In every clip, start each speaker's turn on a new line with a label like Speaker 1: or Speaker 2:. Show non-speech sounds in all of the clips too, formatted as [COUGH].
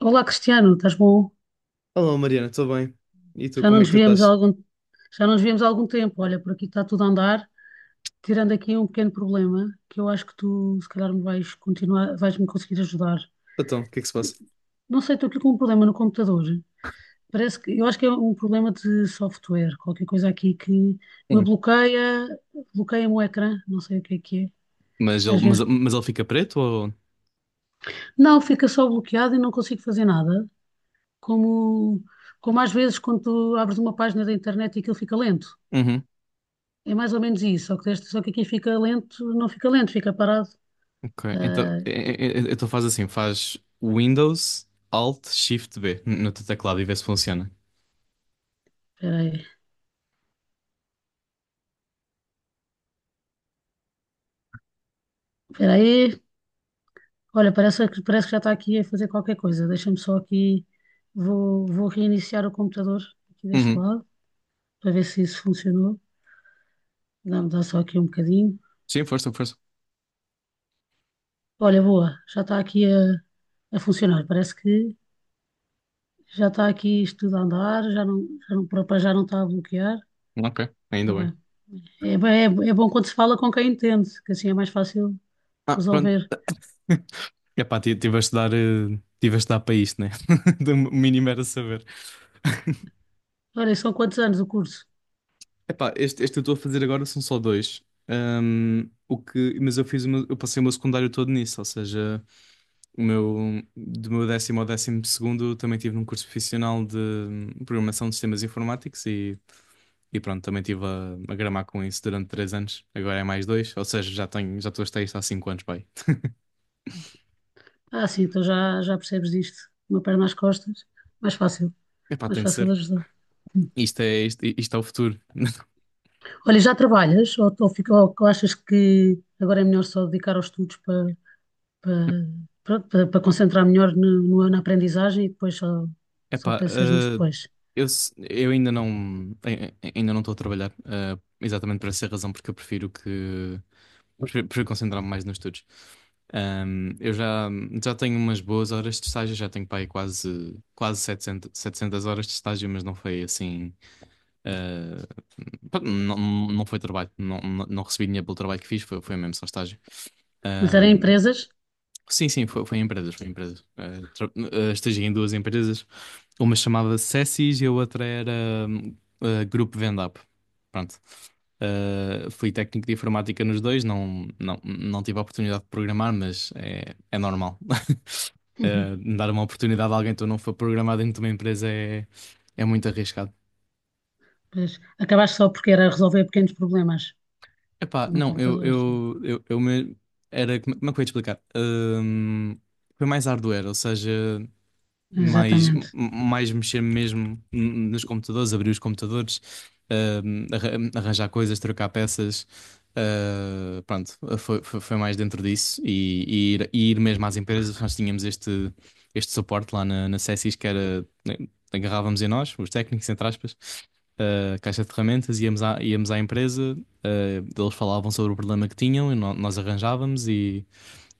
Speaker 1: Olá, Cristiano, estás bom?
Speaker 2: Olá Mariana, estou bem. E tu,
Speaker 1: Já não
Speaker 2: como é que
Speaker 1: nos
Speaker 2: tu
Speaker 1: víamos há
Speaker 2: estás?
Speaker 1: algum, Já não nos víamos há algum tempo. Olha, por aqui está tudo a andar, tirando aqui um pequeno problema que eu acho que tu, se calhar, vais me conseguir ajudar.
Speaker 2: Então, o que é que se passa?
Speaker 1: Não sei, estou aqui com um problema no computador. Eu acho que é um problema de software, qualquer coisa aqui que me
Speaker 2: Sim.
Speaker 1: bloqueia, bloqueia-me o ecrã, não sei o que é que
Speaker 2: Mas
Speaker 1: é.
Speaker 2: ele,
Speaker 1: Às
Speaker 2: mas,
Speaker 1: vezes,
Speaker 2: ele fica preto ou?
Speaker 1: não, Fica só bloqueado e não consigo fazer nada, como, como às vezes quando tu abres uma página da internet e aquilo fica lento.
Speaker 2: Uhum.
Speaker 1: É mais ou menos isso, só que aqui não fica lento, fica parado.
Speaker 2: Ok. Então,
Speaker 1: Ah,
Speaker 2: então faz assim, faz Windows Alt Shift B no teu teclado e vê se funciona.
Speaker 1: Espera aí, espera aí. Olha, parece que já está aqui a fazer qualquer coisa. Deixa-me só aqui, vou reiniciar o computador aqui deste
Speaker 2: Uhum.
Speaker 1: lado, para ver se isso funcionou. Dá-me dá só aqui um bocadinho.
Speaker 2: Sim, força, força.
Speaker 1: Olha, boa, já está aqui a funcionar. Parece que já está aqui isto tudo a andar, já não, para já não está a bloquear.
Speaker 2: Ok, ainda
Speaker 1: Está
Speaker 2: bem.
Speaker 1: bem. É, bem- é bom quando se fala com quem entende, que assim é mais fácil
Speaker 2: Ah, pronto.
Speaker 1: resolver.
Speaker 2: [LAUGHS] Tive a estudar, tive a dar para isto, né? [LAUGHS] Do mínimo era saber. [LAUGHS]
Speaker 1: Olha, são quantos anos o curso?
Speaker 2: Epá, este eu estou a fazer agora são só dois. Mas eu fiz eu passei o meu secundário todo nisso, ou seja. Do meu décimo ao décimo segundo também tive num curso profissional de programação de sistemas informáticos e pronto, também estive a gramar com isso durante três anos. Agora é mais dois, ou seja, já estou a estar isto há cinco anos, pai.
Speaker 1: Ah, sim, então já percebes disto. Uma perna às costas. Mais fácil,
Speaker 2: Epá,
Speaker 1: mais
Speaker 2: tem de
Speaker 1: fácil de
Speaker 2: ser.
Speaker 1: ajudar. Hum.
Speaker 2: Isto é o futuro.
Speaker 1: Olha, já trabalhas ou achas que agora é melhor só dedicar aos estudos para, para concentrar melhor na aprendizagem e depois só
Speaker 2: Epá,
Speaker 1: pensas nisso depois?
Speaker 2: eu, eu ainda não estou a trabalhar, exatamente por essa razão, porque eu prefiro que, prefiro concentrar-me mais nos estudos. Eu já, já tenho umas boas horas de estágio, já tenho para aí quase, quase 700 horas de estágio, mas não foi assim. eh, Pá, não, não foi trabalho, não, não recebi dinheiro pelo trabalho que fiz, foi, foi mesmo só estágio.
Speaker 1: Mas era em empresas?
Speaker 2: Sim, sim, foi, foi em empresas, foi em empresas. Estagiei em duas empresas. Uma chamava Cessis e a outra era hum, Grupo Vendap. Pronto. Fui técnico de informática nos dois, não, não, não tive a oportunidade de programar, mas é, é normal. [LAUGHS]
Speaker 1: Uhum.
Speaker 2: Dar uma oportunidade a alguém que não for programado dentro de uma empresa é, é muito arriscado.
Speaker 1: Pois, acabaste só porque era resolver pequenos problemas
Speaker 2: Epá,
Speaker 1: no
Speaker 2: não,
Speaker 1: computador. Sim.
Speaker 2: era, como é que eu ia te explicar? Foi mais hardware, ou seja. Mais,
Speaker 1: Exatamente.
Speaker 2: mais mexer mesmo nos computadores, abrir os computadores, ahm, arra- arranjar coisas, trocar peças. Ah, pronto, foi, foi mais dentro disso e ir mesmo às empresas. Nós tínhamos este suporte lá na Cessis que era, né, agarrávamos em nós, os técnicos, entre aspas, a caixa de ferramentas, íamos à empresa, ah, eles falavam sobre o problema que tinham e nós arranjávamos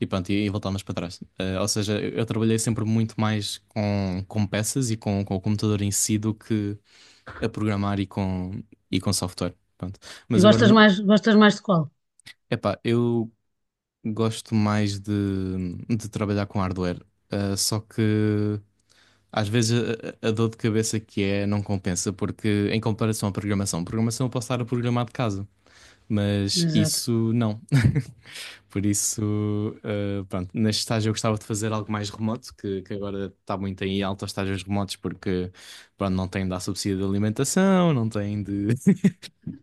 Speaker 2: e pronto, e voltámos para trás. Ou seja, eu trabalhei sempre muito mais com peças e com o computador em si do que a programar e com software. Pronto. Mas agora, no-
Speaker 1: Gostas mais de qual?
Speaker 2: Epá, eu gosto mais de trabalhar com hardware. Só que às vezes a dor de cabeça que é não compensa, porque em comparação à programação, programação eu posso estar a programar de casa. Mas
Speaker 1: Exato.
Speaker 2: isso não. [LAUGHS] Por isso, pronto, neste estágio eu gostava de fazer algo mais remoto, que agora está muito em alta os estágios remotos, porque pronto, não tem de dar subsídio de alimentação, não tem de, [LAUGHS]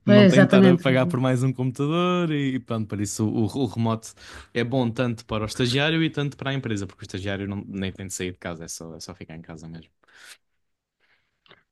Speaker 1: Pois,
Speaker 2: não tem de estar a
Speaker 1: exatamente.
Speaker 2: pagar por mais um computador e pronto, por isso o remoto é bom tanto para o estagiário e tanto para a empresa, porque o estagiário nem tem de sair de casa, é só ficar em casa mesmo.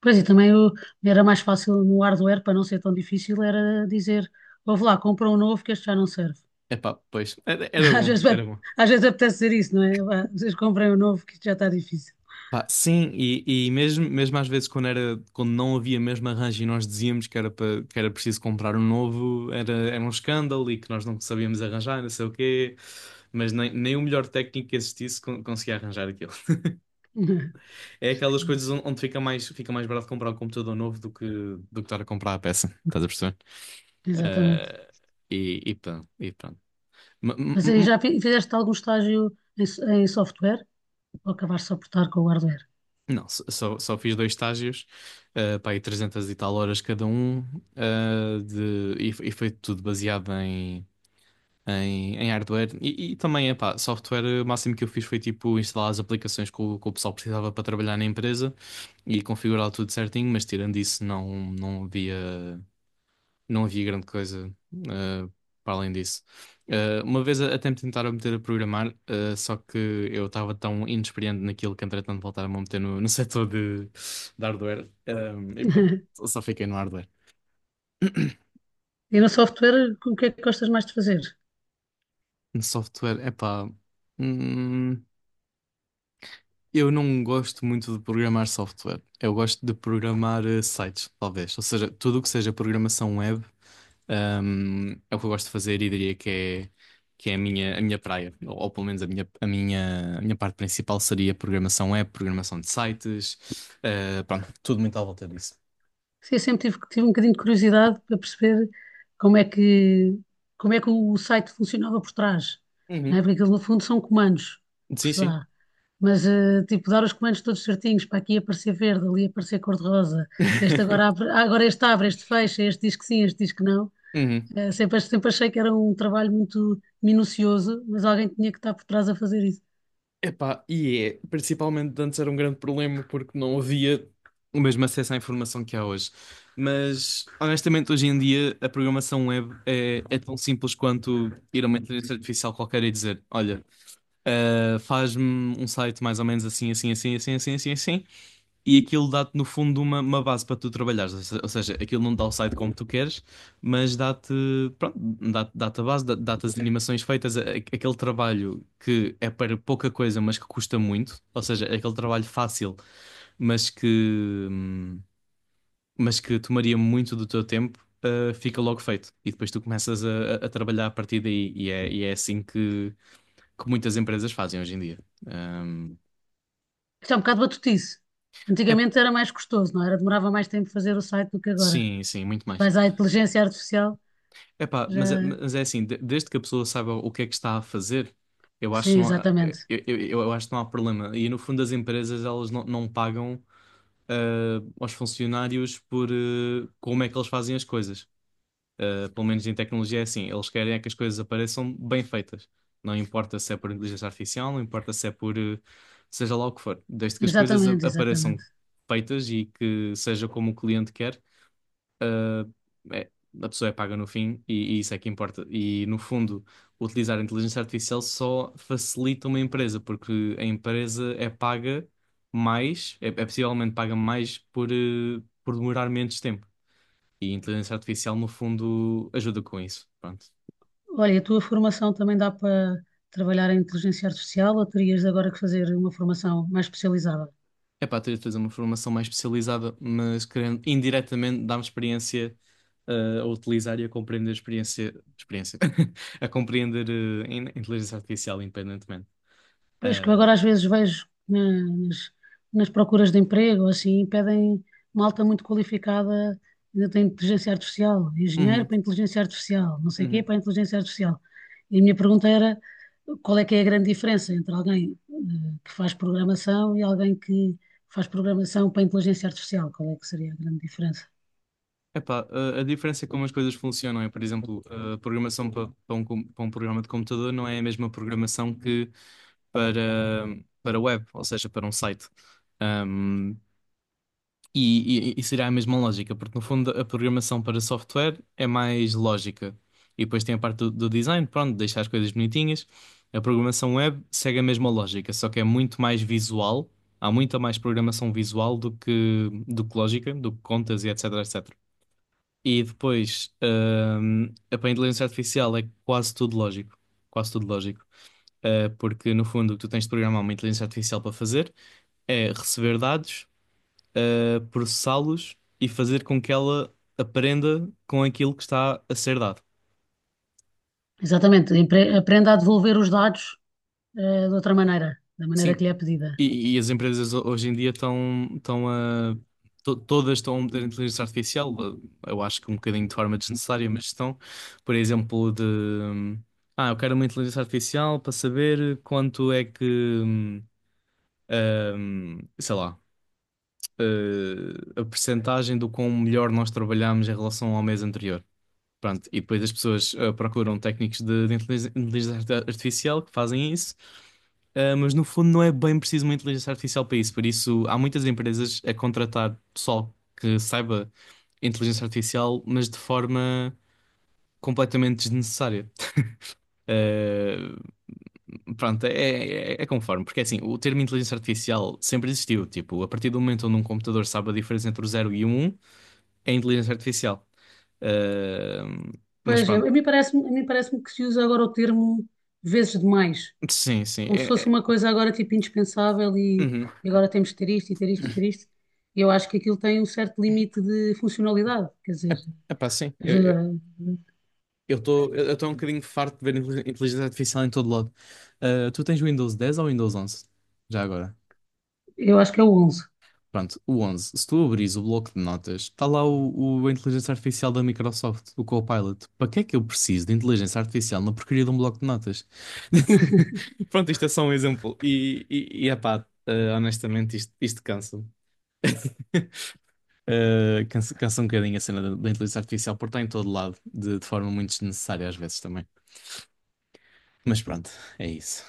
Speaker 1: Pois e também o- Era mais fácil no hardware, para não ser tão difícil, era dizer, ouve lá, compra um novo que este já não serve.
Speaker 2: Epá, pois, era, era
Speaker 1: [LAUGHS] Às
Speaker 2: bom,
Speaker 1: vezes, vai-
Speaker 2: era bom.
Speaker 1: às vezes apetece dizer isso, não é? Vá, vocês comprem um novo que isto já está difícil.
Speaker 2: Pá, sim, e mesmo, mesmo às vezes quando não havia mesmo arranjo e nós dizíamos que era preciso comprar um novo, era, era um escândalo e que nós não sabíamos arranjar, não sei o quê, mas nem, nem o melhor técnico que existisse conseguia arranjar aquilo.
Speaker 1: [LAUGHS]
Speaker 2: É aquelas coisas onde fica mais barato comprar um computador novo do que estar a comprar a peça, estás a perceber?
Speaker 1: Exatamente.
Speaker 2: Eh, e pronto, e pronto.
Speaker 1: Fizeste algum em software ou acabaste só por estar com o hardware?
Speaker 2: Não, só, só fiz dois estágios, pá, aí 300 e tal horas cada um, ah, de, e foi tudo baseado em, em, em hardware e também, epá, software, o máximo que eu fiz foi tipo instalar as aplicações que que o pessoal precisava para trabalhar na empresa e configurar tudo certinho, mas tirando isso não, não havia grande coisa eh, para além disso. Até me tentaram meter a programar, só que eu estava tão inexperiente naquilo que entretanto voltaram-me a meter no [LAUGHS] setor de hardware. E pronto,
Speaker 1: [LAUGHS]
Speaker 2: só fiquei no hardware.
Speaker 1: E no software, o que é que gostas mais de fazer?
Speaker 2: No software, é pá. Eu não gosto muito de programar software. Eu gosto de programar sites, talvez. Ou seja, tudo o que seja programação web, é o que eu gosto de fazer e diria que é a minha praia. Ou pelo menos a minha parte principal seria programação web, programação de sites, pronto, tudo muito à volta disso.
Speaker 1: Sim, eu tive um bocadinho de curiosidade para perceber como é que, como é que o site funcionava por trás, não é?
Speaker 2: Uhum.
Speaker 1: Porque aquilo no fundo são comandos que
Speaker 2: Sim,
Speaker 1: se
Speaker 2: sim.
Speaker 1: dá. Mas, tipo, dar os comandos todos certinhos, para aqui aparecer verde, ali aparecer cor-de-rosa, este agora abre, ah, agora este abre, este fecha, este diz que sim, este diz que não.
Speaker 2: [LAUGHS]
Speaker 1: Sempre achei que era um trabalho muito minucioso, mas alguém tinha que estar por trás a fazer isso.
Speaker 2: Epá, e é, principalmente antes era um grande problema porque não havia o mesmo acesso à informação que há hoje. Mas honestamente, hoje em dia a programação web é, é tão simples quanto ir a uma inteligência artificial qualquer e dizer: Olha, faz-me um site mais ou menos assim, assim, assim, assim, assim, assim, assim e aquilo dá-te no fundo uma base para tu trabalhares, ou seja, aquilo não dá o site como tu queres, mas dá-te, pronto, dá-te a base, dá-te as animações feitas, aquele trabalho que é para pouca coisa, mas que custa muito, ou seja, é aquele trabalho fácil, mas que, hum, mas que tomaria muito do teu tempo. Fica logo feito e depois tu começas a trabalhar a partir daí e é assim que muitas empresas fazem hoje em dia. Hum,
Speaker 1: Isto é um bocado batutice.
Speaker 2: É,
Speaker 1: Antigamente era mais custoso, não é? Era? Demorava mais tempo fazer o site do que agora.
Speaker 2: sim, sim, muito mais.
Speaker 1: Vais à inteligência artificial.
Speaker 2: Epá,
Speaker 1: Já,
Speaker 2: mas é assim, desde que a pessoa saiba o que é que está a fazer, eu
Speaker 1: sim,
Speaker 2: acho que não,
Speaker 1: exatamente.
Speaker 2: eu acho que não há problema. E no fundo as empresas elas não, não pagam aos funcionários por como é que eles fazem as coisas. Ah, pelo menos em tecnologia é assim, eles querem é que as coisas apareçam bem feitas. Não importa se é por inteligência artificial, não importa se é por seja lá o que for. Desde que as coisas
Speaker 1: Exatamente,
Speaker 2: apareçam
Speaker 1: exatamente.
Speaker 2: feitas e que seja como o cliente quer, ah, é, a pessoa é paga no fim e isso é que importa. E no fundo, utilizar a inteligência artificial só facilita uma empresa, porque a empresa é paga mais, é possivelmente paga mais por, por demorar menos tempo. E a inteligência artificial, no fundo, ajuda com isso. Pronto.
Speaker 1: Olha, a tua formação também dá para trabalhar em inteligência artificial ou terias agora que fazer uma formação mais especializada?
Speaker 2: É para ter de fazer uma formação mais especializada, mas querendo indiretamente dar-me experiência a utilizar e a compreender a experiência, experiência [LAUGHS] a compreender inteligência artificial independentemente.
Speaker 1: Pois que eu agora
Speaker 2: Ah,
Speaker 1: às vezes vejo nas procuras de emprego, assim, pedem malta muito qualificada, ainda tem inteligência artificial, engenheiro
Speaker 2: uhum,
Speaker 1: para inteligência artificial, não sei o quê
Speaker 2: uhum.
Speaker 1: para inteligência artificial. E a minha pergunta era qual é que é a grande diferença entre alguém que faz programação e alguém que faz programação para inteligência artificial? Qual é que seria a grande diferença?
Speaker 2: Epá, a diferença é como as coisas funcionam é, por exemplo, a programação para um programa de computador não é a mesma programação que para, para web, ou seja, para um site. E seria a mesma lógica, porque no fundo a programação para software é mais lógica. E depois tem a parte do design, pronto, deixar as coisas bonitinhas. A programação web segue a mesma lógica, só que é muito mais visual. Há muita mais programação visual do que lógica, do que contas e etc, etc. E depois, a para a inteligência artificial é quase tudo lógico. Quase tudo lógico. Porque no fundo o que tu tens de programar uma inteligência artificial para fazer é receber dados a processá-los e fazer com que ela aprenda com aquilo que está a ser dado.
Speaker 1: Aprenda a devolver os dados de outra maneira, da maneira
Speaker 2: Sim,
Speaker 1: que lhe é pedida.
Speaker 2: e as empresas hoje em dia estão, estão a. Todas estão a meter inteligência artificial, eu acho que um bocadinho de forma desnecessária, mas estão, por exemplo, de. Ah, eu quero uma inteligência artificial para saber quanto é que. hum, sei lá. A percentagem do quão melhor nós trabalhamos em relação ao mês anterior. Pronto, e depois as pessoas procuram técnicos de, inteligência artificial que fazem isso, ah, mas no fundo não é bem preciso uma inteligência artificial para isso. Por isso, há muitas empresas a contratar pessoal que saiba inteligência artificial, mas de forma completamente desnecessária. Ah, pronto, é, é conforme, porque é assim, o termo inteligência artificial sempre existiu. Tipo, a partir do momento onde um computador sabe a diferença entre o 0 e o 1, é inteligência artificial. Ah, mas
Speaker 1: Pois é,
Speaker 2: pronto,
Speaker 1: a mim parece-me que se usa agora o termo vezes demais,
Speaker 2: sim, sim.
Speaker 1: como se fosse uma coisa agora tipo indispensável, e,
Speaker 2: Uhum.
Speaker 1: e agora temos de ter isto e ter isto e ter isto. E eu acho que aquilo tem um certo limite de funcionalidade, quer
Speaker 2: É,
Speaker 1: dizer,
Speaker 2: epá, sim,
Speaker 1: ajuda.
Speaker 2: eu estou um bocadinho farto de ver inteligência artificial em todo lado. Ah, tu tens o Windows 10 ou o Windows 11? Já agora.
Speaker 1: Eu acho que é o onze. [LAUGHS]
Speaker 2: Pronto, o 11. Se tu abris o bloco de notas, está lá a inteligência artificial da Microsoft, o Copilot. Para que é que eu preciso de inteligência artificial na porcaria de um bloco de notas? [LAUGHS] Pronto, isto é só um exemplo. Epá, ah, honestamente, isto cansa-me. [LAUGHS] Ah, cansa, cansa um bocadinho a cena da inteligência artificial, porque está em todo lado, de forma muito desnecessária às vezes também. Mas pronto, é isso.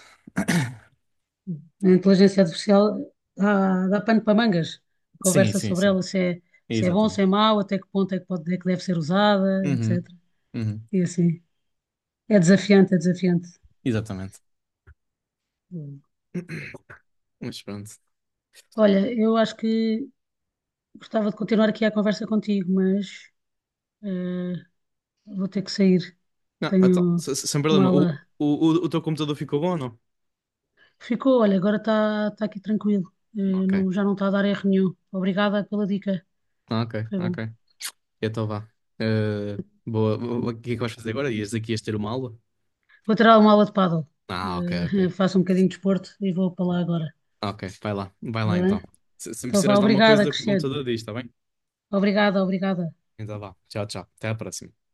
Speaker 1: A inteligência artificial dá, dá pano para mangas. A
Speaker 2: Sim,
Speaker 1: conversa
Speaker 2: sim,
Speaker 1: sobre
Speaker 2: sim.
Speaker 1: ela, se é,
Speaker 2: É
Speaker 1: se é bom,
Speaker 2: exatamente.
Speaker 1: se é mau, até que ponto é que, pode, é que deve ser usada,
Speaker 2: Uhum,
Speaker 1: etc.
Speaker 2: uhum,
Speaker 1: E assim, é desafiante, é desafiante.
Speaker 2: exatamente. Mas pronto.
Speaker 1: Olha, eu acho que gostava de continuar aqui a conversa contigo, mas eh, vou ter que sair.
Speaker 2: Não, então,
Speaker 1: Tenho
Speaker 2: sem
Speaker 1: uma
Speaker 2: problema.
Speaker 1: aula.
Speaker 2: O teu computador ficou bom ou não?
Speaker 1: Ficou, olha, agora está aqui tranquilo.
Speaker 2: Ok,
Speaker 1: Não, já não está a dar erro nenhum. Obrigada pela dica.
Speaker 2: ok,
Speaker 1: Foi bom.
Speaker 2: ok. Então vá. Eh, Boa. O que é que vais fazer agora? Ias daqui ias ter uma aula?
Speaker 1: Vou ter uma aula de paddle.
Speaker 2: Ah, ok,
Speaker 1: [LAUGHS]
Speaker 2: ok.
Speaker 1: Faço um bocadinho de desporto e vou para lá agora.
Speaker 2: Ok, vai lá. Vai lá
Speaker 1: Está
Speaker 2: então.
Speaker 1: bem?
Speaker 2: Se
Speaker 1: Então vá,
Speaker 2: precisares de alguma
Speaker 1: obrigada,
Speaker 2: coisa, o
Speaker 1: Cristiano.
Speaker 2: computador diz, está bem?
Speaker 1: Obrigada.
Speaker 2: Então vá. Tchau, tchau. Até à próxima.